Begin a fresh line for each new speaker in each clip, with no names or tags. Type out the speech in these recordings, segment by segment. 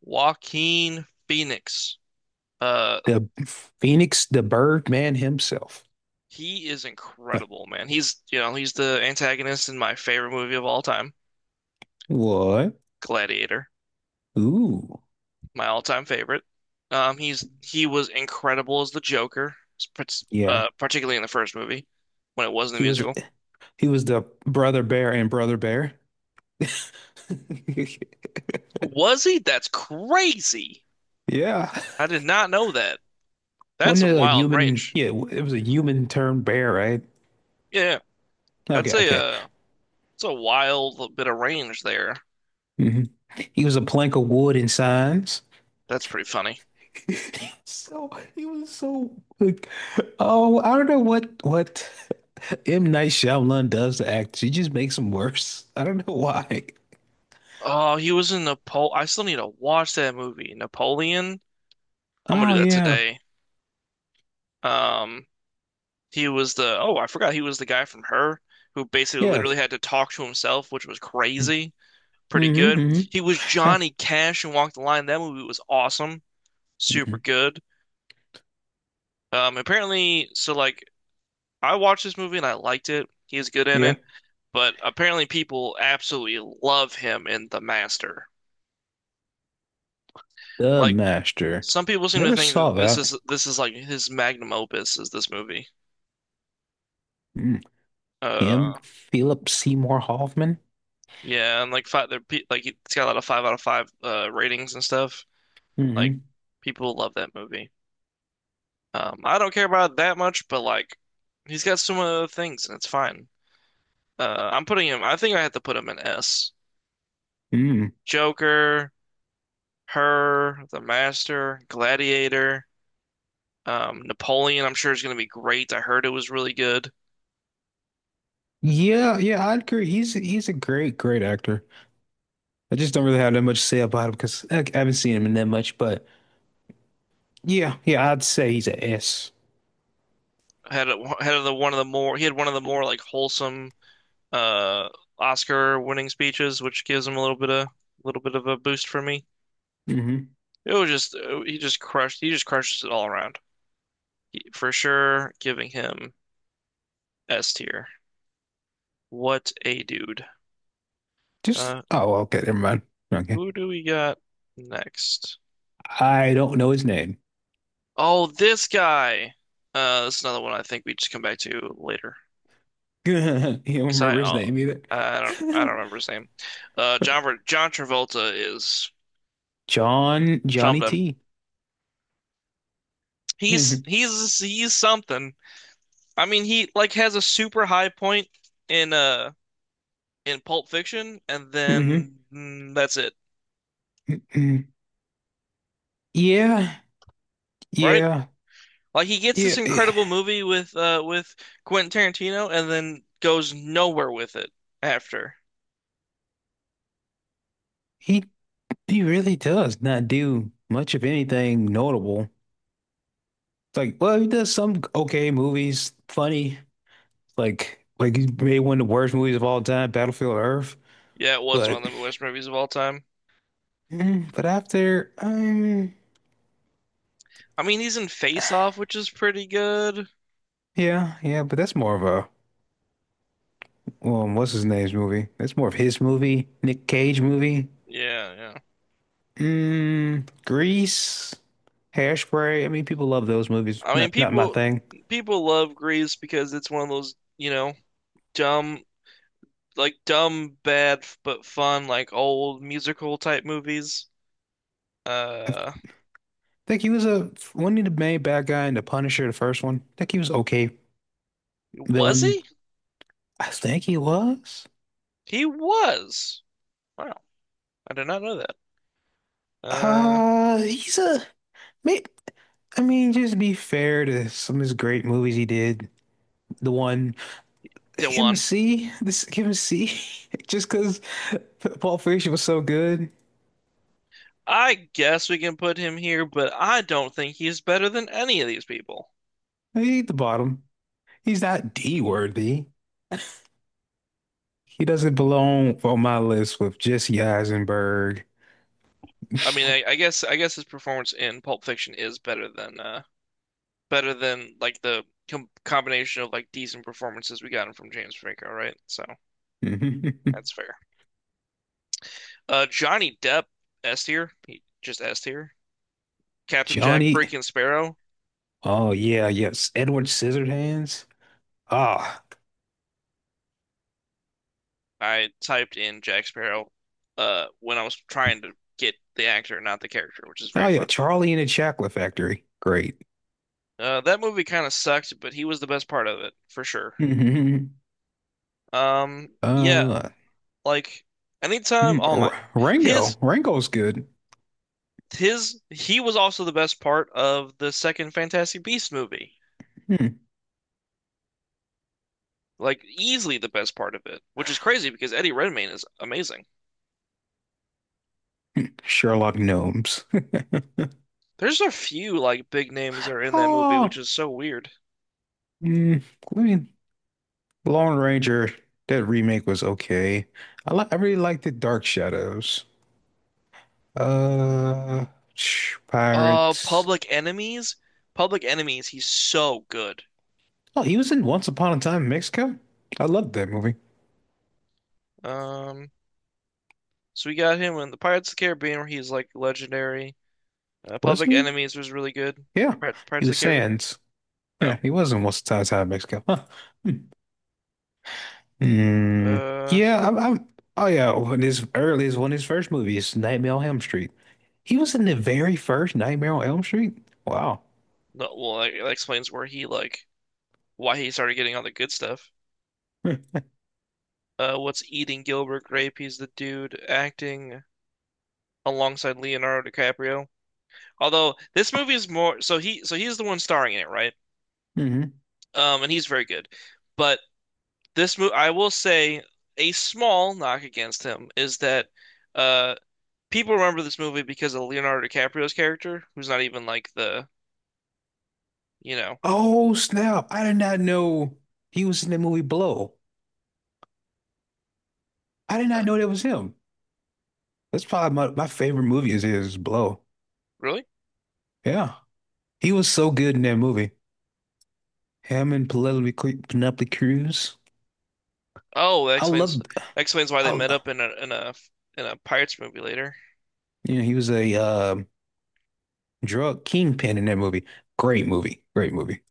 Joaquin Phoenix. Uh,
The Phoenix, the Birdman himself.
he is
Huh.
incredible, man. He's, you know, he's the antagonist in my favorite movie of all time,
What?
Gladiator,
Ooh.
my all-time favorite. He was incredible as the Joker,
Yeah.
particularly in the first movie when it wasn't a
He was
musical.
he was the brother bear and brother bear.
Was he? That's crazy.
Yeah.
I did not know that. That's
Wasn't it
some
a
wild
human?
range.
Yeah, it was a human turned bear, right?
Yeah, that's
Okay,
a
okay.
uh, that's a wild bit of range there.
Hmm. He was a plank of wood in signs.
That's pretty funny.
So he was so like, oh, I don't know what M. Night Shyamalan does to act. She just makes him worse. I don't know why.
Oh, he was in Napoleon. I still need to watch that movie. Napoleon. I'm gonna
Oh
do that
yeah,
today. Um, he was the, oh, I forgot he was the guy from Her who basically
yeah.
literally had to talk to himself, which was crazy. Pretty
Hmm.
good.
Hmm.
He was
Yeah.
Johnny Cash in Walk the Line. That movie was awesome. Super
Mhm.
good. Apparently, so like I watched this movie and I liked it. He's good in
Yeah.
it, but apparently people absolutely love him in The Master.
The
Like
Master.
some people seem to
Never
think that
saw
this
that.
is this is like his magnum opus is this movie.
Mm.
Uh,
Him, Philip Seymour Hoffman.
yeah, and like five, like it's got a lot of five out of five ratings and stuff. Like
Hmm.
people love that movie. I don't care about it that much, but like he's got so many other things and it's fine. I'm putting him. I think I have to put him in S.
Mm.
Joker, Her, The Master, Gladiator, Napoleon. I'm sure is going to be great. I heard it was really good.
Yeah, yeah, I'd agree. He's a great, great actor. I just don't really have that much to say about him because I haven't seen him in that much. But yeah, yeah, I'd say he's a S.
Had a, had the one of the more he had one of the more like wholesome uh Oscar winning speeches, which gives him a little bit of, little bit of a boost for me.
Mm-hmm.
It was just he just crushes it all around. For sure, giving him S tier. What a dude.
Just
Uh
oh, well, okay, never mind. Okay,
who do we got next?
I don't know his name.
Oh, this guy. That's another one I think we just come back to later.
You don't
'Cause I
remember his name either.
I don't remember his name. Uh, John Travolta is
John Johnny
something.
T.
He's he's he's something. I mean, he like has a super high point in uh in Pulp Fiction, and then mm, that's it,
Hmm. Yeah,
right?
yeah,
Like he gets
yeah.
this incredible movie with Quentin Tarantino, and then goes nowhere with it after.
He he really does not do much of anything notable. It's like, well, he does some okay movies, funny. Like, he made one of the worst movies of all time, Battlefield Earth.
Yeah, it was one
But,
of the worst movies of all time.
but after,
I mean, he's in Face Off, which is pretty good.
yeah, yeah. But that's more of a, what's his name's movie? That's more of his movie, Nick Cage movie.
Yeah, yeah.
Mm, Grease, Hairspray. I mean, people love those movies.
I mean,
Not my
people
thing.
people love Grease because it's one of those, you know, dumb, like dumb, bad but fun, like old musical type movies. Uh,
Think he was a when he the main bad guy in The Punisher, the first one. Think he was okay
was
villain.
he?
I think he was.
He was. Wow, I did not know that. Uh,
Uh, he's a may- I mean, just to be fair to some of his great movies he did. The one, give him a
Dewan.
C. This, give him a C. Just because Pulp Fiction was so good.
I guess we can put him here, but I don't think he's better than any of these people.
He at the bottom. He's not D worthy. He doesn't belong on my list with Jesse Eisenberg,
I guess his performance in Pulp Fiction is better than like the combination of like decent performances we gotten from James Franco, right? So that's fair. Johnny Depp, S tier. He just S tier. Captain Jack
Johnny.
freaking Sparrow.
Oh yeah, yes. Edward Scissorhands. Ah,
I typed in Jack Sparrow when I was trying to get the actor, not the character, which is
oh
very
yeah,
funny.
Charlie and the Chocolate Factory. Great.
That movie kind of sucked, but he was the best part of it for sure.
hmm
Um, yeah,
Uh,
like anytime, oh my, his
Rango. Rango's good.
his he was also the best part of the second Fantastic Beast movie,
Hmm.
like easily the best part of it, which is crazy because Eddie Redmayne is amazing.
Sherlock Gnomes.
There's a few like big names that are in that movie, which
Oh,
is so weird.
mm, I mean, Lone Ranger. That remake was okay. I really liked the Dark Shadows. Uh, Pirates.
Public Enemies. Public Enemies. He's so good.
Oh, he was in Once Upon a Time in Mexico. I loved that movie.
Um, so we got him in the Pirates of the Caribbean, where he's like legendary.
Was
Public
he?
Enemies was really good.
Yeah, he
Pirates of
was
the Caribbean.
Sands. Yeah,
Oh,
he was in Once Upon a Time in Mexico. Huh. Hmm. Mm,
uh,
yeah, I'm. Oh yeah, when his earliest, one of his first movies, Nightmare on Elm Street. He was in the very first Nightmare on Elm Street. Wow.
no. Well, that, that explains where he like why he started getting all the good stuff. What's eating Gilbert Grape? He's the dude acting alongside Leonardo DiCaprio. Although this movie is more so he's the one starring in it, right?
hmm
And he's very good, but this move, I will say, a small knock against him is that uh, people remember this movie because of Leonardo DiCaprio's character, who's not even like the, you know,
Oh snap! I did not know he was in the movie Blow. I did not
uh,
know that was him. That's probably my favorite movie is Blow.
really?
Yeah, he was so good in that movie. Him and Penelope Cruz.
Oh,
I
that
loved.
explains why they
I,
met up in a in a in a Pirates movie later.
yeah, he was a drug kingpin in that movie. Great movie. Great movie.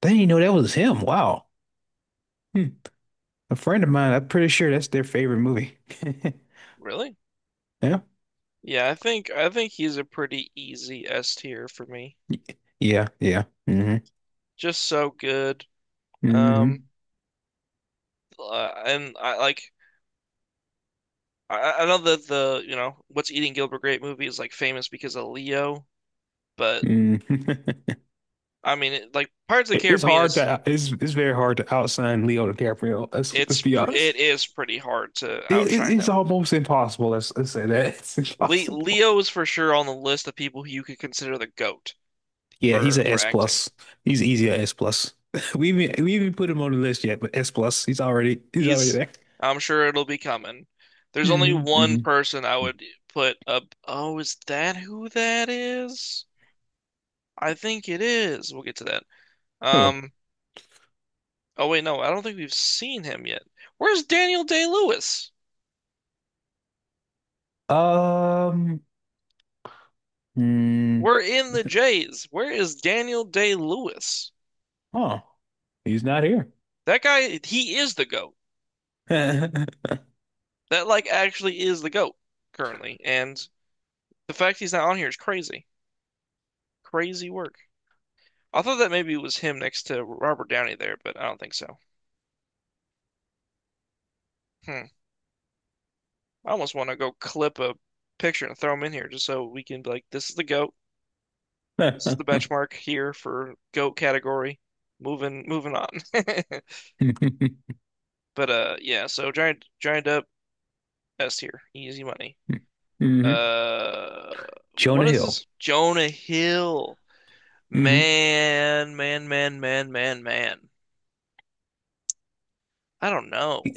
They didn't even know that was him. Wow. Hmm. A friend of mine, I'm pretty sure that's their favorite movie.
Really?
Yeah.
Yeah, I think he's a pretty easy S tier for me.
Yeah. Yeah. Mm-hmm.
Just so good. Um,
Mm-hmm.
and I like, I know that the, you know, What's Eating Gilbert Grape movie is like famous because of Leo, but
Mm-hmm.
I mean, it, like Pirates of the
It- It's
Caribbean
hard
is,
to, it's, it's very hard to outsign Leo DiCaprio. Let's be honest.
it is pretty hard to
It, it,
outshine
it's
him.
almost impossible. Let's say that. It's
Le
impossible.
Leo is for sure on the list of people who you could consider the goat
Yeah. He's
for
an
for
S
acting.
plus. He's easy an S plus. We even put him on the list yet, but S plus. He's already
He's,
there.
I'm sure it'll be coming. There's only
hmm
one
hmm
person I would put up. Oh, is that who that is? I think it is. We'll get to that.
Who?
Um. Oh wait, no, I don't think we've seen him yet. Where's Daniel Day-Lewis?
Um. Hmm,
We're in the
he's not-
Jays. Where is Daniel Day-Lewis?
oh, he's not here.
That guy, he is the GOAT. That like actually is the GOAT currently, and the fact he's not on here is crazy. Crazy work. I thought that maybe it was him next to Robert Downey there, but I don't think so. Hmm. I almost want to go clip a picture and throw him in here just so we can be like, this is the GOAT. This is the benchmark here for GOAT category. Moving on. But yeah, so giant up S here. Easy money.
hmm
Uh what
Jonah
is
Hill.
this? Jonah Hill.
hmm
Man, man, man, man, man, man. I don't know.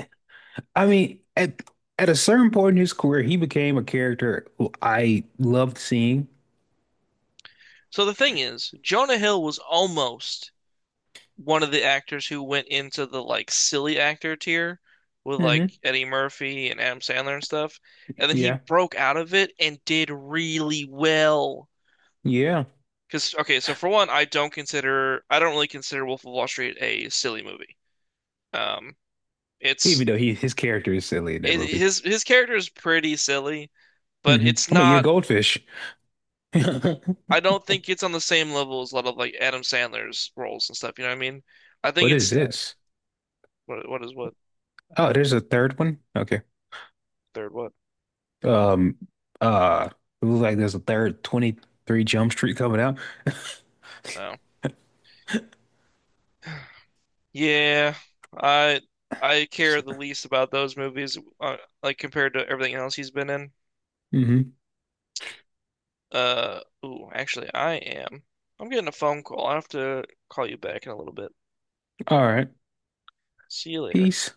I mean, at a certain point in his career, he became a character who I loved seeing.
So the thing is, Jonah Hill was almost one of the actors who went into the like silly actor tier with like
hmm
Eddie Murphy and Adam Sandler and stuff. And then he
Yeah,
broke out of it and did really well.
yeah.
Because, okay, so for one, I don't really consider Wolf of Wall Street a silly movie. Um,
Even
it's
though he his character is silly in that
it,
movie.
his character is pretty silly, but it's
I mean, yeah,
not,
goldfish.
I don't think it's on the same level as a lot of like Adam Sandler's roles and stuff. You know what I mean? I think
What is
it's,
this?
what
Oh, there's a third one. Okay.
third what?
Um, uh, it looks like there's a third 23 Jump Street coming out.
No. Yeah, I I care the least about those movies, like compared to everything else he's been in.
Mm-hmm.
Ooh, actually, I am. I'm getting a phone call. I'll have to call you back in a little bit.
All right.
See you later.
Peace.